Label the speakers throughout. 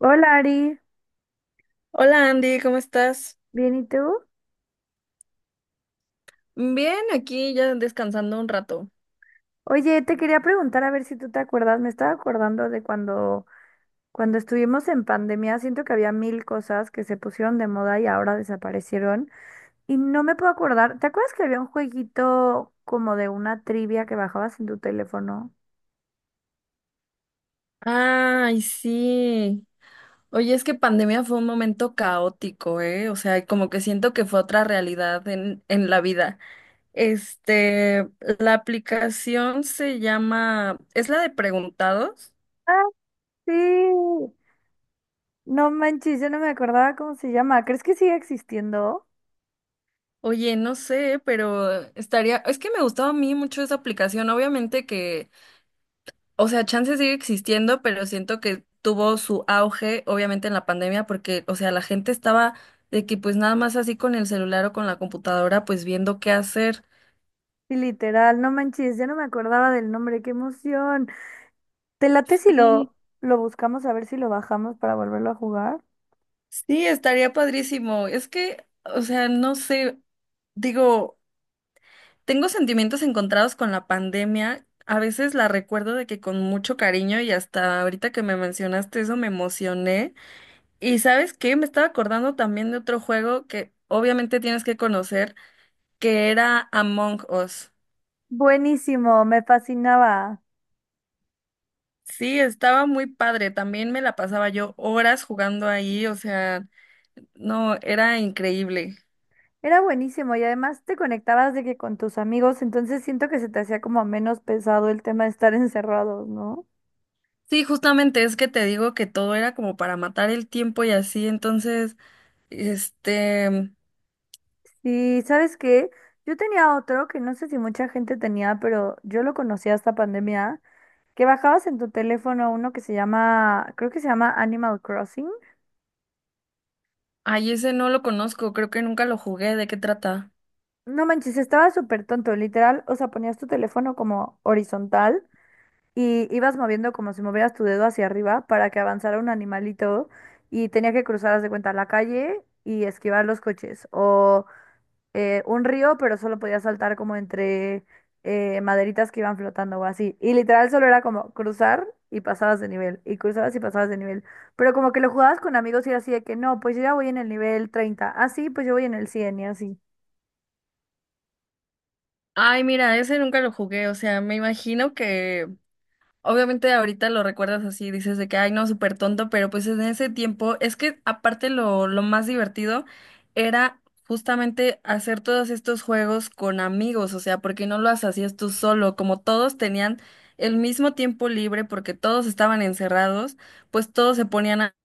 Speaker 1: Hola Ari,
Speaker 2: Hola Andy, ¿cómo estás?
Speaker 1: ¿bien y tú?
Speaker 2: Bien, aquí ya descansando un rato.
Speaker 1: Oye, te quería preguntar a ver si tú te acuerdas, me estaba acordando de cuando estuvimos en pandemia, siento que había mil cosas que se pusieron de moda y ahora desaparecieron y no me puedo acordar, ¿te acuerdas que había un jueguito como de una trivia que bajabas en tu teléfono?
Speaker 2: Ay, sí. Oye, es que pandemia fue un momento caótico, ¿eh? O sea, como que siento que fue otra realidad en la vida. Este, la aplicación se llama, ¿es la de preguntados?
Speaker 1: Ah, sí. No manches, yo no me acordaba cómo se llama, ¿crees que sigue existiendo?
Speaker 2: Oye, no sé, pero estaría, es que me gustaba a mí mucho esa aplicación. Obviamente que, o sea, chance sigue existiendo, pero siento que tuvo su auge, obviamente, en la pandemia, porque, o sea, la gente estaba de que pues nada más así con el celular o con la computadora, pues viendo qué hacer.
Speaker 1: Sí, literal, no manches, ya no me acordaba del nombre, qué emoción. ¿Te late si
Speaker 2: Sí.
Speaker 1: lo buscamos a ver si lo bajamos para volverlo a jugar?
Speaker 2: Sí, estaría padrísimo. Es que, o sea, no sé, digo, tengo sentimientos encontrados con la pandemia. A veces la recuerdo de que con mucho cariño y hasta ahorita que me mencionaste eso me emocioné. Y ¿sabes qué? Me estaba acordando también de otro juego que obviamente tienes que conocer, que era Among Us.
Speaker 1: Buenísimo, me fascinaba.
Speaker 2: Sí, estaba muy padre. También me la pasaba yo horas jugando ahí, o sea, no, era increíble.
Speaker 1: Era buenísimo y además te conectabas de que con tus amigos, entonces siento que se te hacía como menos pesado el tema de estar encerrados, ¿no?
Speaker 2: Sí, justamente es que te digo que todo era como para matar el tiempo y así, entonces, este,
Speaker 1: Sí, ¿sabes qué? Yo tenía otro que no sé si mucha gente tenía, pero yo lo conocía hasta pandemia, que bajabas en tu teléfono uno que se llama, creo que se llama Animal Crossing.
Speaker 2: ay, ese no lo conozco, creo que nunca lo jugué, ¿de qué trata?
Speaker 1: No manches, estaba súper tonto, literal, o sea, ponías tu teléfono como horizontal. Y ibas moviendo como si movieras tu dedo hacia arriba para que avanzara un animalito y tenía que cruzar, haz de cuenta, la calle y esquivar los coches o un río, pero solo podía saltar como entre maderitas que iban flotando o así. Y literal solo era como cruzar y pasabas de nivel y cruzabas y pasabas de nivel. Pero como que lo jugabas con amigos y era así de que no, pues yo ya voy en el nivel 30, ah sí, pues yo voy en el 100 y así.
Speaker 2: Ay, mira, ese nunca lo jugué, o sea, me imagino que, obviamente ahorita lo recuerdas así, dices de que, ay, no, súper tonto, pero pues en ese tiempo es que aparte lo más divertido era justamente hacer todos estos juegos con amigos, o sea, porque no lo hacías tú solo, como todos tenían el mismo tiempo libre porque todos estaban encerrados, pues todos se ponían a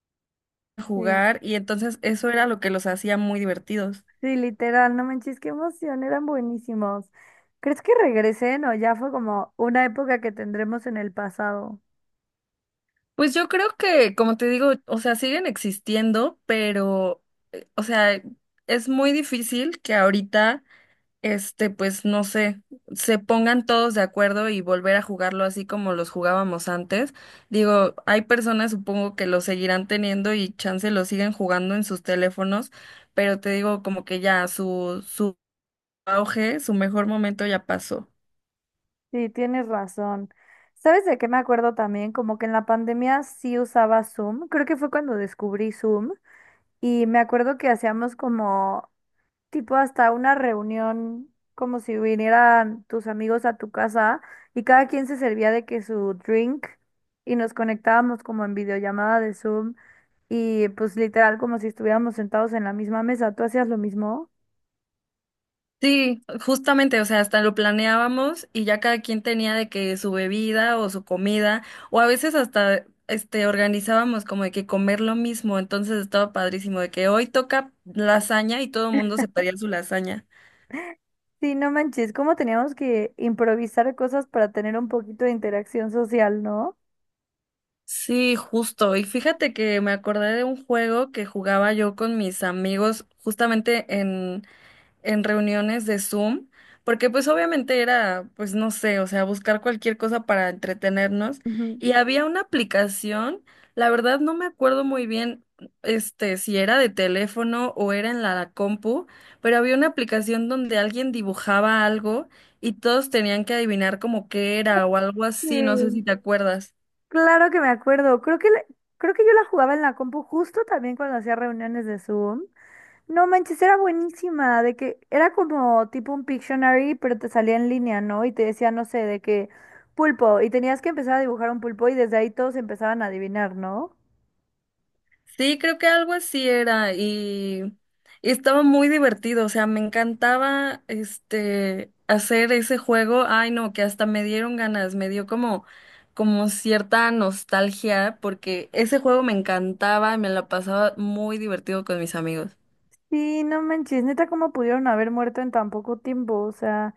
Speaker 1: Sí.
Speaker 2: jugar y entonces eso era lo que los hacía muy divertidos.
Speaker 1: Sí, literal, no manches, qué emoción, eran buenísimos. ¿Crees que regresen o ya fue como una época que tendremos en el pasado?
Speaker 2: Pues yo creo que, como te digo, o sea, siguen existiendo, pero, o sea, es muy difícil que ahorita pues no sé, se pongan todos de acuerdo y volver a jugarlo así como los jugábamos antes. Digo, hay personas supongo que lo seguirán teniendo y chance lo siguen jugando en sus teléfonos, pero te digo como que ya su auge, su mejor momento ya pasó.
Speaker 1: Sí, tienes razón. ¿Sabes de qué me acuerdo también? Como que en la pandemia sí usaba Zoom, creo que fue cuando descubrí Zoom y me acuerdo que hacíamos como tipo hasta una reunión como si vinieran tus amigos a tu casa y cada quien se servía de que su drink y nos conectábamos como en videollamada de Zoom y pues literal como si estuviéramos sentados en la misma mesa. ¿Tú hacías lo mismo?
Speaker 2: Sí, justamente, o sea, hasta lo planeábamos y ya cada quien tenía de que su bebida o su comida, o a veces hasta organizábamos como de que comer lo mismo, entonces estaba padrísimo de que hoy toca lasaña y todo el mundo se pedía su lasaña.
Speaker 1: Sí, no manches, cómo teníamos que improvisar cosas para tener un poquito de interacción social, ¿no?
Speaker 2: Sí, justo. Y fíjate que me acordé de un juego que jugaba yo con mis amigos justamente en reuniones de Zoom, porque pues obviamente era, pues no sé, o sea, buscar cualquier cosa para entretenernos.
Speaker 1: Ujú.
Speaker 2: Y había una aplicación, la verdad no me acuerdo muy bien, si era de teléfono o era en la compu, pero había una aplicación donde alguien dibujaba algo y todos tenían que adivinar como qué era o algo así, no sé si
Speaker 1: Sí.
Speaker 2: te acuerdas.
Speaker 1: Claro que me acuerdo. Creo que yo la jugaba en la compu justo también cuando hacía reuniones de Zoom. No manches, era buenísima, de que era como tipo un Pictionary, pero te salía en línea, ¿no? Y te decía, no sé, de que pulpo, y tenías que empezar a dibujar un pulpo y desde ahí todos empezaban a adivinar, ¿no?
Speaker 2: Sí, creo que algo así era y estaba muy divertido, o sea, me encantaba hacer ese juego. Ay, no, que hasta me dieron ganas, me dio como cierta nostalgia porque ese juego me encantaba y me la pasaba muy divertido con mis amigos.
Speaker 1: Sí, no manches, neta, ¿cómo pudieron haber muerto en tan poco tiempo? O sea,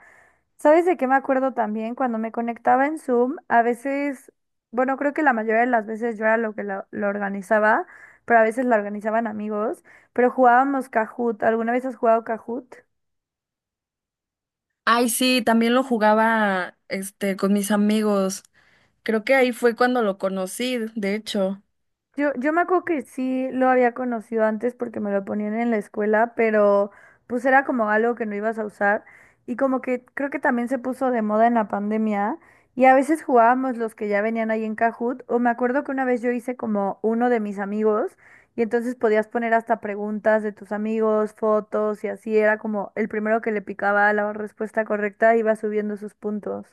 Speaker 1: ¿sabes de qué me acuerdo también? Cuando me conectaba en Zoom, a veces, bueno, creo que la mayoría de las veces yo era lo que lo, organizaba, pero a veces la organizaban amigos, pero jugábamos Kahoot. ¿Alguna vez has jugado Kahoot?
Speaker 2: Ay, sí, también lo jugaba con mis amigos. Creo que ahí fue cuando lo conocí, de hecho.
Speaker 1: Yo me acuerdo que sí lo había conocido antes porque me lo ponían en la escuela, pero pues era como algo que no ibas a usar y como que creo que también se puso de moda en la pandemia y a veces jugábamos los que ya venían ahí en Kahoot o me acuerdo que una vez yo hice como uno de mis amigos y entonces podías poner hasta preguntas de tus amigos, fotos y así era como el primero que le picaba la respuesta correcta iba subiendo sus puntos.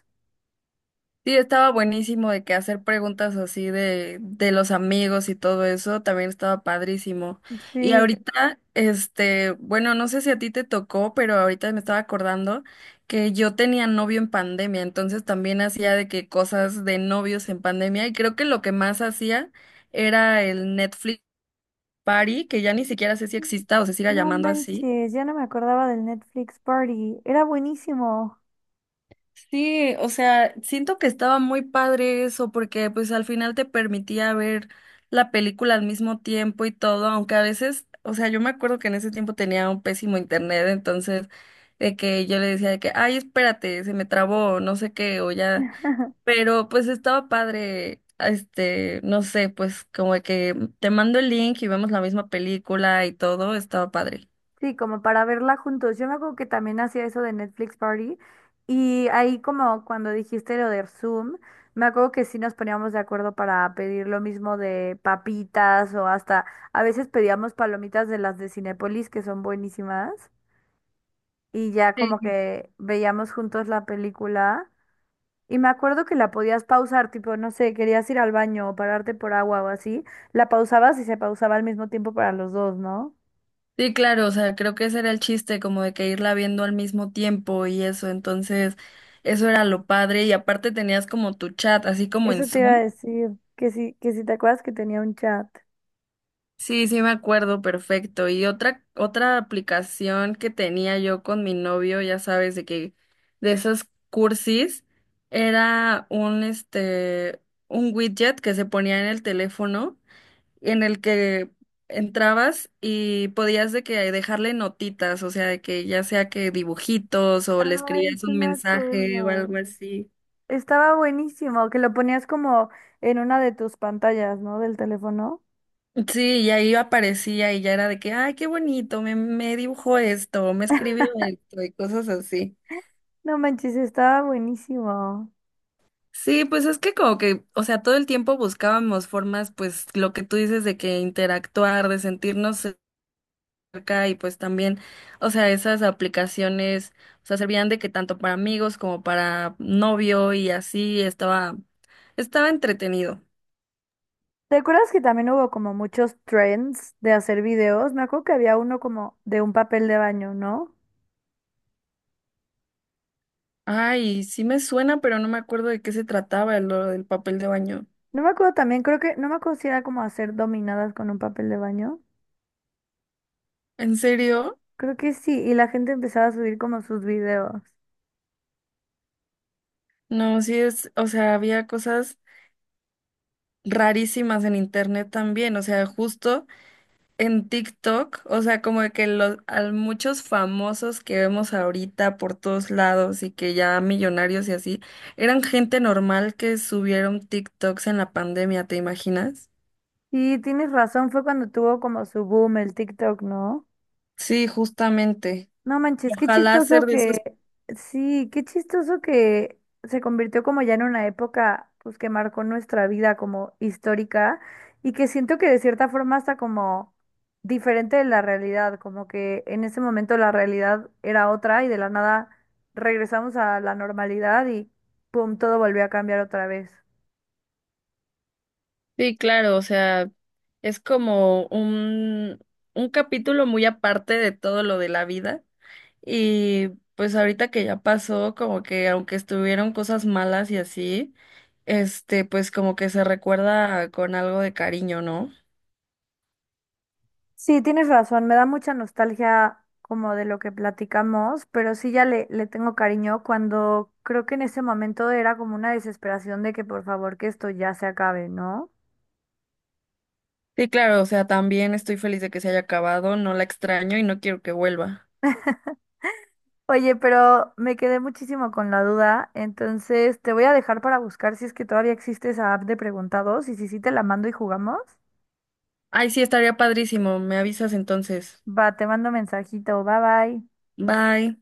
Speaker 2: Sí, estaba buenísimo de que hacer preguntas así de los amigos y todo eso, también estaba padrísimo. Y
Speaker 1: Sí.
Speaker 2: ahorita, bueno, no sé si a ti te tocó, pero ahorita me estaba acordando que yo tenía novio en pandemia, entonces también hacía de que cosas de novios en pandemia y creo que lo que más hacía era el Netflix Party, que ya ni siquiera sé si exista o se siga
Speaker 1: No
Speaker 2: llamando así.
Speaker 1: manches, ya no me acordaba del Netflix Party. Era buenísimo.
Speaker 2: Sí, o sea, siento que estaba muy padre eso porque pues al final te permitía ver la película al mismo tiempo y todo, aunque a veces, o sea, yo me acuerdo que en ese tiempo tenía un pésimo internet, entonces de que yo le decía de que, ay, espérate, se me trabó, no sé qué, o ya, pero pues estaba padre, no sé, pues como de que te mando el link y vemos la misma película y todo, estaba padre.
Speaker 1: Sí, como para verla juntos. Yo me acuerdo que también hacía eso de Netflix Party y ahí como cuando dijiste lo de Zoom, me acuerdo que sí nos poníamos de acuerdo para pedir lo mismo de papitas o hasta a veces pedíamos palomitas de las de Cinépolis que son buenísimas y ya como que veíamos juntos la película. Y me acuerdo que la podías pausar, tipo, no sé, querías ir al baño o pararte por agua o así, la pausabas y se pausaba al mismo tiempo para los dos, ¿no?
Speaker 2: Sí, claro, o sea, creo que ese era el chiste, como de que irla viendo al mismo tiempo y eso, entonces eso era lo padre y aparte tenías como tu chat, así como en
Speaker 1: Eso te iba a
Speaker 2: Zoom.
Speaker 1: decir, que si te acuerdas que tenía un chat.
Speaker 2: Sí, me acuerdo, perfecto. Y otra aplicación que tenía yo con mi novio, ya sabes, de que de esos cursis era un un widget que se ponía en el teléfono en el que entrabas y podías de que dejarle notitas, o sea, de que ya sea que dibujitos o le
Speaker 1: Ay,
Speaker 2: escribías
Speaker 1: sí
Speaker 2: un
Speaker 1: me
Speaker 2: mensaje o
Speaker 1: acuerdo.
Speaker 2: algo así.
Speaker 1: Estaba buenísimo, que lo ponías como en una de tus pantallas, ¿no? Del teléfono.
Speaker 2: Sí, y ahí aparecía y ya era de que, ay, qué bonito, me dibujó esto, me escribió esto y cosas así.
Speaker 1: No manches, estaba buenísimo.
Speaker 2: Sí, pues es que como que, o sea, todo el tiempo buscábamos formas, pues lo que tú dices de que interactuar, de sentirnos cerca y pues también, o sea, esas aplicaciones, o sea, servían de que tanto para amigos como para novio y así estaba, estaba entretenido.
Speaker 1: ¿Te acuerdas que también hubo como muchos trends de hacer videos? Me acuerdo que había uno como de un papel de baño, ¿no?
Speaker 2: Ay, sí me suena, pero no me acuerdo de qué se trataba lo del papel de baño.
Speaker 1: No me acuerdo también, creo que, no me acuerdo si era como hacer dominadas con un papel de baño.
Speaker 2: ¿En serio?
Speaker 1: Creo que sí, y la gente empezaba a subir como sus videos.
Speaker 2: No, sí es, o sea, había cosas rarísimas en internet también, o sea, justo en TikTok, o sea, como de que los, a muchos famosos que vemos ahorita por todos lados y que ya millonarios y así, eran gente normal que subieron TikToks en la pandemia, ¿te imaginas?
Speaker 1: Y tienes razón, fue cuando tuvo como su boom el TikTok, ¿no?
Speaker 2: Sí, justamente.
Speaker 1: No manches, qué
Speaker 2: Ojalá ser
Speaker 1: chistoso
Speaker 2: de esos.
Speaker 1: que, sí, qué chistoso que se convirtió como ya en una época pues que marcó nuestra vida como histórica y que siento que de cierta forma está como diferente de la realidad, como que en ese momento la realidad era otra y de la nada regresamos a la normalidad y pum, todo volvió a cambiar otra vez.
Speaker 2: Sí, claro, o sea, es como un capítulo muy aparte de todo lo de la vida. Y pues ahorita que ya pasó, como que aunque estuvieron cosas malas y así, pues como que se recuerda con algo de cariño, ¿no?
Speaker 1: Sí, tienes razón, me da mucha nostalgia como de lo que platicamos, pero sí ya le tengo cariño cuando creo que en ese momento era como una desesperación de que por favor que esto ya se acabe, ¿no?
Speaker 2: Sí, claro, o sea, también estoy feliz de que se haya acabado, no la extraño y no quiero que vuelva.
Speaker 1: Oye, pero me quedé muchísimo con la duda, entonces te voy a dejar para buscar si es que todavía existe esa app de preguntados y si sí te la mando y jugamos.
Speaker 2: Ay, sí, estaría padrísimo, me avisas entonces.
Speaker 1: Va, te mando mensajito, bye bye.
Speaker 2: Bye.